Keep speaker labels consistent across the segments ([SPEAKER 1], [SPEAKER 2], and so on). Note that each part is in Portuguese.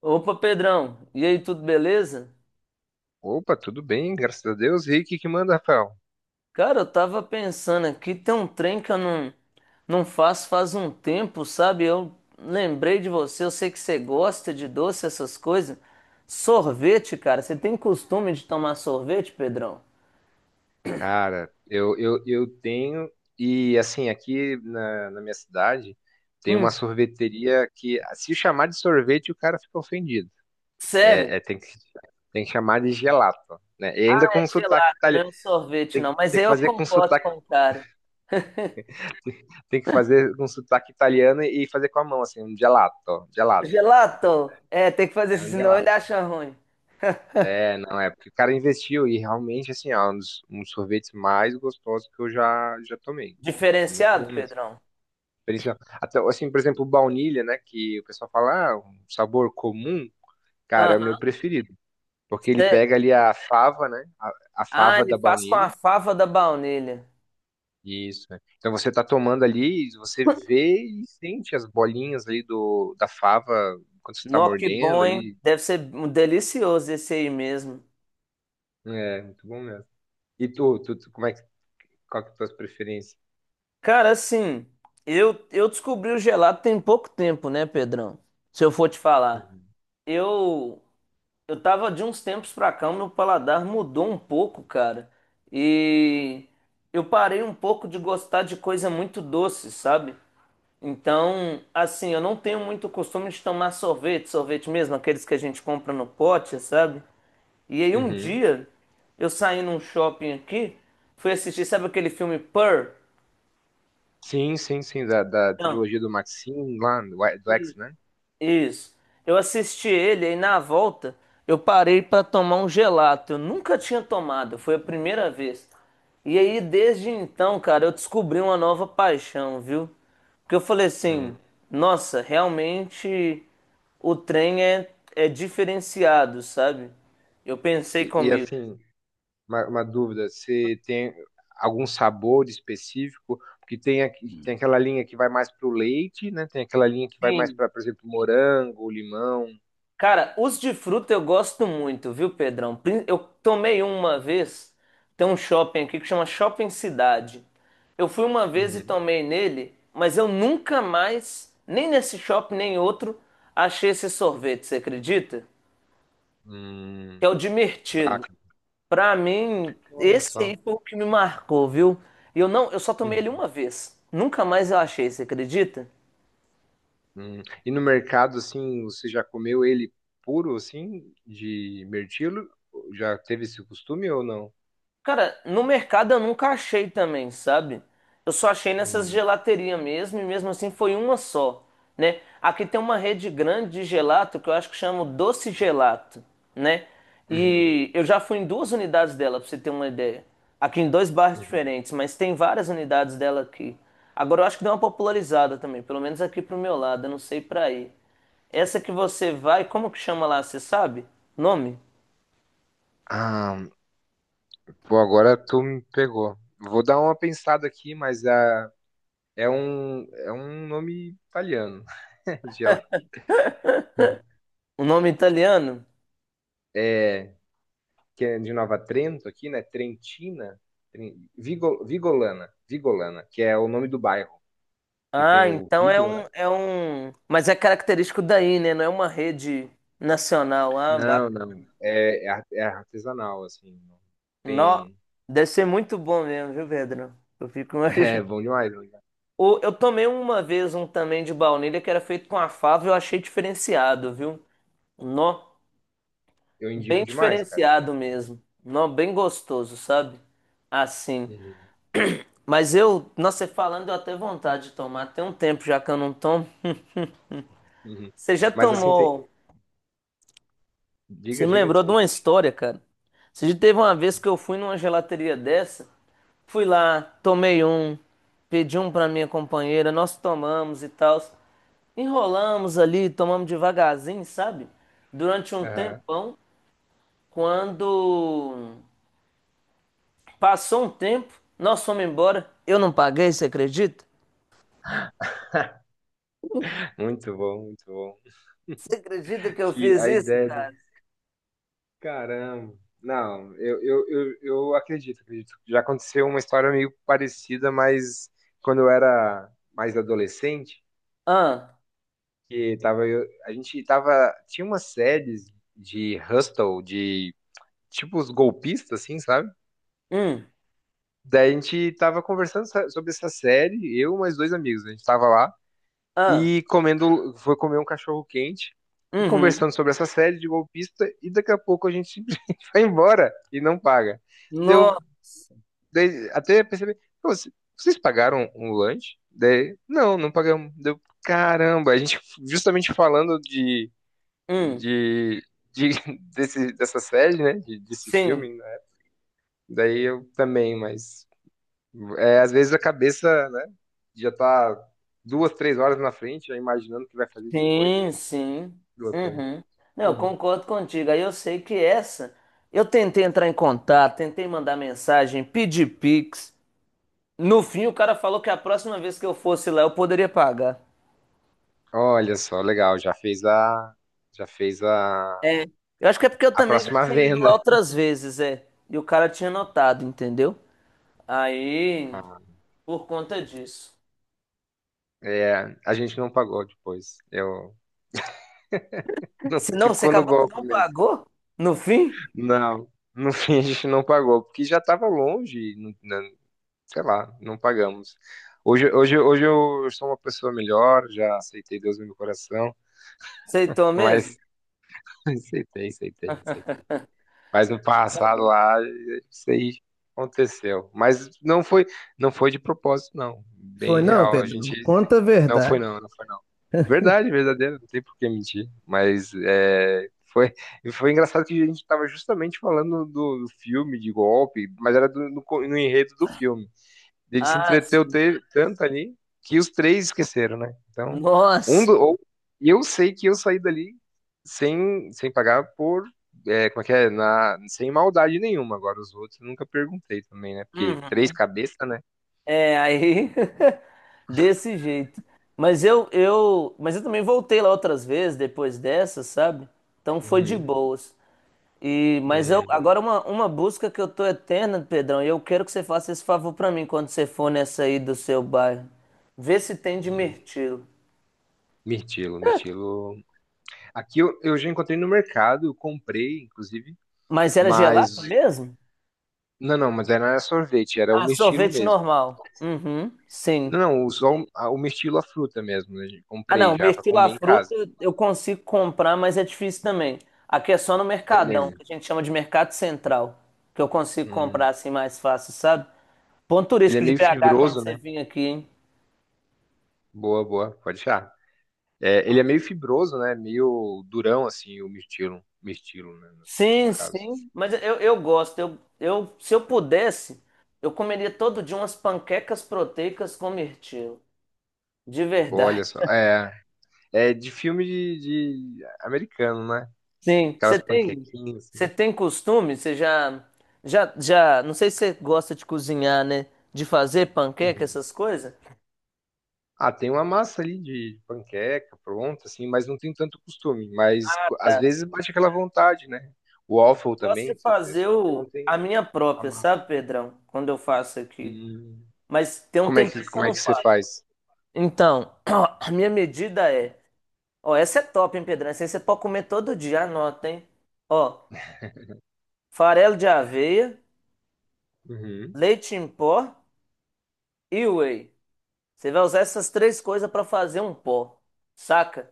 [SPEAKER 1] Opa, Pedrão, e aí, tudo beleza?
[SPEAKER 2] Opa, tudo bem, graças a Deus. E aí, o que que manda, Rafael?
[SPEAKER 1] Cara, eu tava pensando aqui, tem um trem que eu não faço faz um tempo, sabe? Eu lembrei de você, eu sei que você gosta de doce, essas coisas. Sorvete, cara, você tem costume de tomar sorvete, Pedrão?
[SPEAKER 2] Cara, eu tenho, e assim, aqui na minha cidade, tem uma
[SPEAKER 1] Hum,
[SPEAKER 2] sorveteria que, se chamar de sorvete, o cara fica ofendido.
[SPEAKER 1] sério?
[SPEAKER 2] É, é, tem que, tem que chamar de gelato, né? E ainda
[SPEAKER 1] É
[SPEAKER 2] com sotaque
[SPEAKER 1] gelato, não
[SPEAKER 2] italiano.
[SPEAKER 1] é um sorvete, não. Mas
[SPEAKER 2] Tem
[SPEAKER 1] aí
[SPEAKER 2] que
[SPEAKER 1] eu
[SPEAKER 2] fazer com
[SPEAKER 1] concordo
[SPEAKER 2] sotaque,
[SPEAKER 1] com o cara.
[SPEAKER 2] tem que fazer com sotaque italiano e fazer com a mão, assim, um gelato, gelato.
[SPEAKER 1] Gelato? É, tem que fazer
[SPEAKER 2] É
[SPEAKER 1] isso,
[SPEAKER 2] um
[SPEAKER 1] senão ele
[SPEAKER 2] gelato.
[SPEAKER 1] acha ruim.
[SPEAKER 2] É, não, é porque o cara investiu e realmente, assim, é um dos sorvetes mais gostosos que eu já tomei. Muito
[SPEAKER 1] Diferenciado,
[SPEAKER 2] bom mesmo.
[SPEAKER 1] Pedrão?
[SPEAKER 2] Principal- Até, assim, por exemplo, o baunilha, né, que o pessoal fala, ah, um sabor comum, cara, é o meu
[SPEAKER 1] Aham,
[SPEAKER 2] preferido. Porque ele
[SPEAKER 1] sério.
[SPEAKER 2] pega ali a fava, a
[SPEAKER 1] Ah,
[SPEAKER 2] fava
[SPEAKER 1] ele
[SPEAKER 2] da
[SPEAKER 1] faz com a
[SPEAKER 2] baunilha.
[SPEAKER 1] fava da baunilha.
[SPEAKER 2] Isso, né? Então você tá tomando ali, você vê e sente as bolinhas ali da fava quando você tá
[SPEAKER 1] Nó, que
[SPEAKER 2] mordendo
[SPEAKER 1] bom, hein?
[SPEAKER 2] ali.
[SPEAKER 1] Deve ser um delicioso esse aí mesmo.
[SPEAKER 2] É, muito bom mesmo. E tu como é que, qual que é a tua preferência?
[SPEAKER 1] Cara, assim, eu descobri o gelato tem pouco tempo, né, Pedrão? Se eu for te falar.
[SPEAKER 2] Uhum.
[SPEAKER 1] Eu, eu tava de uns tempos pra cá, o meu paladar mudou um pouco, cara. E eu parei um pouco de gostar de coisa muito doce, sabe? Então, assim, eu não tenho muito costume de tomar sorvete, sorvete mesmo, aqueles que a gente compra no pote, sabe? E aí um
[SPEAKER 2] Uhum.
[SPEAKER 1] dia eu saí num shopping aqui, fui assistir, sabe aquele filme Purr?
[SPEAKER 2] Sim, sim, sim, da
[SPEAKER 1] Não,
[SPEAKER 2] trilogia do Maxine lá, do X, né?
[SPEAKER 1] isso. Eu assisti ele e na volta eu parei pra tomar um gelato. Eu nunca tinha tomado, foi a primeira vez. E aí desde então, cara, eu descobri uma nova paixão, viu? Porque eu falei assim,
[SPEAKER 2] Hum.
[SPEAKER 1] nossa, realmente o trem é diferenciado, sabe? Eu pensei comigo.
[SPEAKER 2] Assim, uma dúvida, você tem algum sabor específico? Porque tem, aqui- tem aquela linha que vai mais pro leite, né? Tem aquela linha que vai mais
[SPEAKER 1] Sim.
[SPEAKER 2] para, por exemplo, morango, limão.
[SPEAKER 1] Cara, os de fruta eu gosto muito, viu, Pedrão? Eu tomei uma vez, tem um shopping aqui que chama Shopping Cidade. Eu fui uma vez e
[SPEAKER 2] Uhum.
[SPEAKER 1] tomei nele, mas eu nunca mais, nem nesse shopping nem em outro, achei esse sorvete, você acredita? Que é
[SPEAKER 2] Hum.
[SPEAKER 1] o de mirtilo.
[SPEAKER 2] Bacana.
[SPEAKER 1] Pra mim,
[SPEAKER 2] Olha
[SPEAKER 1] esse aí
[SPEAKER 2] só.
[SPEAKER 1] foi o que me marcou, viu? E eu não, eu só tomei ele
[SPEAKER 2] Uhum.
[SPEAKER 1] uma vez. Nunca mais eu achei, você acredita?
[SPEAKER 2] Hum. E no mercado, assim, você já comeu ele puro, assim, de mirtilo? Já teve esse costume ou não?
[SPEAKER 1] Cara, no mercado eu nunca achei também, sabe? Eu só achei nessas
[SPEAKER 2] Hum.
[SPEAKER 1] gelaterias mesmo, e mesmo assim foi uma só, né? Aqui tem uma rede grande de gelato que eu acho que chama Doce Gelato, né?
[SPEAKER 2] Uhum.
[SPEAKER 1] E eu já fui em duas unidades dela, pra você ter uma ideia. Aqui em dois bairros
[SPEAKER 2] Uhum.
[SPEAKER 1] diferentes, mas tem várias unidades dela aqui. Agora eu acho que deu uma popularizada também, pelo menos aqui pro meu lado, eu não sei pra aí. Essa que você vai, como que chama lá, você sabe? Nome?
[SPEAKER 2] Ah, pô, agora tu me pegou. Vou dar uma pensada aqui, mas é um nome italiano. De lá.
[SPEAKER 1] O nome italiano?
[SPEAKER 2] É, que é de Nova Trento aqui, né? Trentina, Tren- Vigo- Vigolana, Vigolana, que é o nome do bairro, que tem
[SPEAKER 1] Ah,
[SPEAKER 2] o
[SPEAKER 1] então é
[SPEAKER 2] Vigolo, né?
[SPEAKER 1] um, é um. Mas é característico daí, né? Não é uma rede nacional. Ah,
[SPEAKER 2] Não,
[SPEAKER 1] bacana.
[SPEAKER 2] não. É, é ar- é artesanal, assim. Não
[SPEAKER 1] Nó.
[SPEAKER 2] tem.
[SPEAKER 1] Deve ser muito bom mesmo, viu, Pedro? Eu fico
[SPEAKER 2] É
[SPEAKER 1] imaginando.
[SPEAKER 2] bom demais. Bom demais.
[SPEAKER 1] Eu tomei uma vez um também de baunilha que era feito com a fava e eu achei diferenciado, viu? Nó.
[SPEAKER 2] Eu
[SPEAKER 1] Bem
[SPEAKER 2] indico demais, cara.
[SPEAKER 1] diferenciado mesmo. Nó, bem gostoso, sabe? Assim.
[SPEAKER 2] Uhum,
[SPEAKER 1] Mas eu, nossa, você falando, deu até vontade de tomar. Tem um tempo já que eu não tomo.
[SPEAKER 2] uhum.
[SPEAKER 1] Você já
[SPEAKER 2] Mas assim tem.
[SPEAKER 1] tomou. Você
[SPEAKER 2] Diga,
[SPEAKER 1] me
[SPEAKER 2] diga,
[SPEAKER 1] lembrou de uma
[SPEAKER 2] desculpa.
[SPEAKER 1] história, cara. Você já teve uma vez que eu fui numa gelateria dessa, fui lá, tomei um, pedi um pra minha companheira, nós tomamos e tal. Enrolamos ali, tomamos devagarzinho, sabe? Durante um
[SPEAKER 2] Aham.
[SPEAKER 1] tempão, quando passou um tempo, nós fomos embora. Eu não paguei, você acredita?
[SPEAKER 2] Muito bom, muito bom.
[SPEAKER 1] Você acredita que eu
[SPEAKER 2] Que
[SPEAKER 1] fiz
[SPEAKER 2] a
[SPEAKER 1] isso,
[SPEAKER 2] ideia do.
[SPEAKER 1] cara?
[SPEAKER 2] Caramba. Não, eu acredito, acredito. Já aconteceu uma história meio parecida, mas quando eu era mais adolescente,
[SPEAKER 1] Ah,
[SPEAKER 2] que tava, eu- a gente tava. Tinha umas séries de Hustle, de tipo os golpistas, assim, sabe?
[SPEAKER 1] hum,
[SPEAKER 2] Daí a gente tava conversando so- sobre essa série, eu e mais dois amigos. A gente tava lá.
[SPEAKER 1] ah,
[SPEAKER 2] E comendo, foi comer um cachorro quente e
[SPEAKER 1] uhum.
[SPEAKER 2] conversando sobre essa série de golpista e daqui a pouco a gente simplesmente vai embora e não paga. Deu
[SPEAKER 1] Nossa,
[SPEAKER 2] daí até perceber, "Pô, c- vocês pagaram um lanche? Daí, não, não pagamos. Deu, caramba, a gente justamente falando
[SPEAKER 1] hum,
[SPEAKER 2] de, de dessa série, né, de- desse
[SPEAKER 1] sim.
[SPEAKER 2] filme, né? Daí eu também, mas é, às vezes a cabeça, né, já tá duas, três horas na frente, já imaginando o que vai fazer depois.
[SPEAKER 1] Sim, sim.
[SPEAKER 2] Loucura.
[SPEAKER 1] Uhum. Não, eu
[SPEAKER 2] Uhum.
[SPEAKER 1] concordo contigo. Aí eu sei que essa. Eu tentei entrar em contato, tentei mandar mensagem, pedir Pix. No fim, o cara falou que a próxima vez que eu fosse lá, eu poderia pagar.
[SPEAKER 2] Olha só, legal, já fez
[SPEAKER 1] Eu acho que é porque eu
[SPEAKER 2] a
[SPEAKER 1] também já
[SPEAKER 2] próxima
[SPEAKER 1] tinha ido lá
[SPEAKER 2] venda.
[SPEAKER 1] outras vezes, é. E o cara tinha notado, entendeu? Aí,
[SPEAKER 2] Ah,
[SPEAKER 1] por conta disso.
[SPEAKER 2] é, a gente não pagou depois. Eu não
[SPEAKER 1] Se não, você
[SPEAKER 2] ficou no
[SPEAKER 1] acabou que
[SPEAKER 2] golpe
[SPEAKER 1] não
[SPEAKER 2] mesmo.
[SPEAKER 1] pagou? No fim?
[SPEAKER 2] Não, no fim a gente não pagou, porque já estava longe, não- não- sei lá, não pagamos. Hoje eu sou uma pessoa melhor, já aceitei Deus no meu coração,
[SPEAKER 1] Aceitou mesmo?
[SPEAKER 2] mas aceitei, aceitei, aceitei. Mas no
[SPEAKER 1] Tá
[SPEAKER 2] passado
[SPEAKER 1] bom.
[SPEAKER 2] lá, isso aí aconteceu. Mas não foi, não foi de propósito, não.
[SPEAKER 1] Foi
[SPEAKER 2] Bem
[SPEAKER 1] não,
[SPEAKER 2] real. A gente
[SPEAKER 1] Pedro. Conta a
[SPEAKER 2] não foi
[SPEAKER 1] verdade.
[SPEAKER 2] não, não foi não. Verdade, verdadeira, não tem por que mentir. Mas é, foi, e foi engraçado que a gente estava justamente falando do filme de golpe, mas era do, no, co- no enredo do filme. Ele se
[SPEAKER 1] Ah,
[SPEAKER 2] entreteu
[SPEAKER 1] sim.
[SPEAKER 2] te- tanto ali que os três esqueceram, né? Então, um
[SPEAKER 1] Nossa.
[SPEAKER 2] do, ou, e eu sei que eu saí dali sem, sem pagar por. É, como é que é? Na, sem maldade nenhuma. Agora, os outros eu nunca perguntei também, né? Porque três
[SPEAKER 1] Uhum.
[SPEAKER 2] cabeças, né?
[SPEAKER 1] É, aí desse jeito. Mas eu também voltei lá outras vezes depois dessa, sabe? Então foi de
[SPEAKER 2] Uhum.
[SPEAKER 1] boas. E mas eu
[SPEAKER 2] Hum,
[SPEAKER 1] agora uma busca que eu tô eterna, Pedrão, e eu quero que você faça esse favor pra mim quando você for nessa aí do seu bairro. Vê se tem de
[SPEAKER 2] hum.
[SPEAKER 1] mirtilo.
[SPEAKER 2] Mirtilo, mirtilo. Aqui eu já encontrei no mercado, eu comprei, inclusive,
[SPEAKER 1] Mas era
[SPEAKER 2] mas.
[SPEAKER 1] gelato mesmo?
[SPEAKER 2] Não, não, mas era sorvete, era o
[SPEAKER 1] Ah,
[SPEAKER 2] mirtilo
[SPEAKER 1] sorvete
[SPEAKER 2] mesmo.
[SPEAKER 1] normal. Uhum, sim.
[SPEAKER 2] Não, não, só o mirtilo, a fruta mesmo, né?
[SPEAKER 1] Ah,
[SPEAKER 2] Comprei
[SPEAKER 1] não,
[SPEAKER 2] já pra
[SPEAKER 1] mirtilo
[SPEAKER 2] comer em
[SPEAKER 1] fruta
[SPEAKER 2] casa.
[SPEAKER 1] eu consigo comprar, mas é difícil também. Aqui é só no
[SPEAKER 2] Ele
[SPEAKER 1] Mercadão,
[SPEAKER 2] é,
[SPEAKER 1] que a gente chama de Mercado Central, que eu consigo comprar
[SPEAKER 2] hum,
[SPEAKER 1] assim mais fácil, sabe? Ponto
[SPEAKER 2] ele é
[SPEAKER 1] turístico de
[SPEAKER 2] meio
[SPEAKER 1] BH quando
[SPEAKER 2] fibroso,
[SPEAKER 1] você
[SPEAKER 2] né?
[SPEAKER 1] vir aqui, hein?
[SPEAKER 2] Boa, boa, pode achar. É, ele é meio fibroso, né? Meio durão, assim, o mirtilo, mirtilo, né? No
[SPEAKER 1] Sim,
[SPEAKER 2] caso.
[SPEAKER 1] sim, mas eu gosto. Se eu pudesse, eu comeria todo dia umas panquecas proteicas com mirtilo, de
[SPEAKER 2] Boa, olha
[SPEAKER 1] verdade.
[SPEAKER 2] só. É, é de filme de americano, né?
[SPEAKER 1] Sim, você
[SPEAKER 2] Aquelas
[SPEAKER 1] tem,
[SPEAKER 2] panquequinhas,
[SPEAKER 1] você
[SPEAKER 2] assim.
[SPEAKER 1] tem costume, você já, não sei se você gosta de cozinhar, né? De fazer panqueca,
[SPEAKER 2] Uhum.
[SPEAKER 1] essas coisas?
[SPEAKER 2] Ah, tem uma massa ali de panqueca pronta, assim, mas não tem tanto costume. Mas
[SPEAKER 1] Ah,
[SPEAKER 2] co- às
[SPEAKER 1] tá.
[SPEAKER 2] vezes bate aquela vontade, né? O waffle
[SPEAKER 1] Gosto de
[SPEAKER 2] também, se- é
[SPEAKER 1] fazer
[SPEAKER 2] só que não tem
[SPEAKER 1] a minha
[SPEAKER 2] a
[SPEAKER 1] própria,
[SPEAKER 2] massa.
[SPEAKER 1] sabe, Pedrão? Quando eu faço aqui.
[SPEAKER 2] Hum.
[SPEAKER 1] Mas tem um tempinho que eu
[SPEAKER 2] Como é
[SPEAKER 1] não
[SPEAKER 2] que você
[SPEAKER 1] faço.
[SPEAKER 2] faz?
[SPEAKER 1] Então, a minha medida é, ó, essa é top, hein, Pedrão? Essa aí você pode comer todo dia, anota, hein? Ó, farelo de aveia,
[SPEAKER 2] Uhum.
[SPEAKER 1] leite em pó e whey. Você vai usar essas três coisas para fazer um pó. Saca?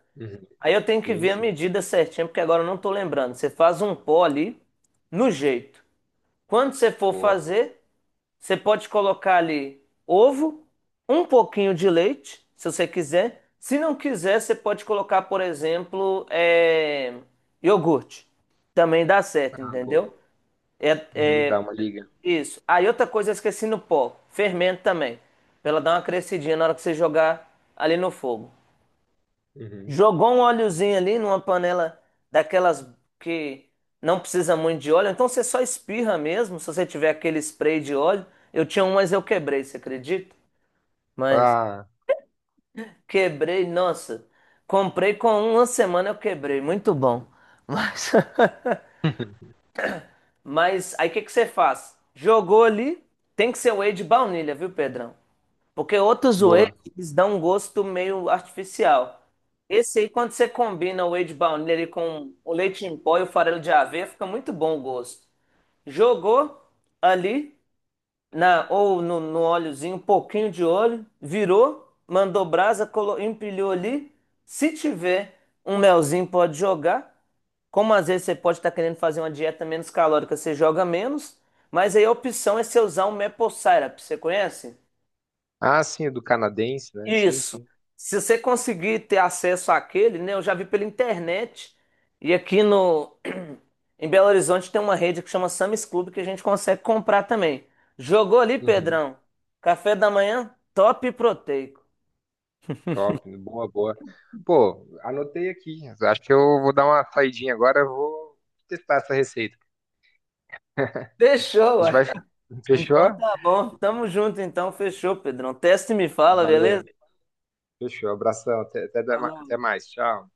[SPEAKER 1] Aí eu tenho que
[SPEAKER 2] Sim,
[SPEAKER 1] ver a
[SPEAKER 2] sim.
[SPEAKER 1] medida certinha, porque agora eu não tô lembrando. Você faz um pó ali, no jeito. Quando você for
[SPEAKER 2] Boa.
[SPEAKER 1] fazer, você pode colocar ali ovo, um pouquinho de leite, se você quiser. Se não quiser, você pode colocar, por exemplo, é, iogurte. Também dá certo,
[SPEAKER 2] Ah, boa.
[SPEAKER 1] entendeu? É,
[SPEAKER 2] Uhum,
[SPEAKER 1] é,
[SPEAKER 2] dá uma liga.
[SPEAKER 1] isso. Aí outra coisa, eu esqueci no pó. Fermento também. Pra ela dar uma crescidinha na hora que você jogar ali no fogo.
[SPEAKER 2] Uhum.
[SPEAKER 1] Jogou um óleozinho ali numa panela daquelas que não precisa muito de óleo, então você só espirra mesmo, se você tiver aquele spray de óleo. Eu tinha um, mas eu quebrei, você acredita? Mas
[SPEAKER 2] Ah,
[SPEAKER 1] quebrei, nossa. Comprei com uma semana eu quebrei, muito bom. Mas, mas aí o que que você faz? Jogou ali, tem que ser whey de baunilha, viu, Pedrão? Porque outros whey,
[SPEAKER 2] boa.
[SPEAKER 1] eles dão um gosto meio artificial. Esse aí, quando você combina o whey de baunilha ali com o leite em pó e o farelo de aveia, fica muito bom o gosto. Jogou ali, na, ou no óleozinho, um pouquinho de óleo, virou, mandou brasa, empilhou ali. Se tiver um melzinho, pode jogar. Como às vezes você pode estar querendo fazer uma dieta menos calórica, você joga menos. Mas aí a opção é você usar um maple syrup. Você conhece?
[SPEAKER 2] Ah, sim, é do canadense, né? Sim,
[SPEAKER 1] Isso.
[SPEAKER 2] sim.
[SPEAKER 1] Se você conseguir ter acesso àquele, né? Eu já vi pela internet. E aqui no em Belo Horizonte tem uma rede que chama Sam's Club que a gente consegue comprar também. Jogou ali,
[SPEAKER 2] Uhum.
[SPEAKER 1] Pedrão? Café da manhã, top e proteico.
[SPEAKER 2] Top, boa, boa. Pô, anotei aqui. Acho que eu vou dar uma saidinha agora. Eu Vou testar essa receita.
[SPEAKER 1] Fechou,
[SPEAKER 2] A gente
[SPEAKER 1] ué.
[SPEAKER 2] vai.
[SPEAKER 1] Então
[SPEAKER 2] Fechou?
[SPEAKER 1] tá bom. Tamo junto então, fechou, Pedrão. Testa e me fala, beleza?
[SPEAKER 2] Valeu. Fechou. Abração.
[SPEAKER 1] Falou.
[SPEAKER 2] Até mais. Tchau.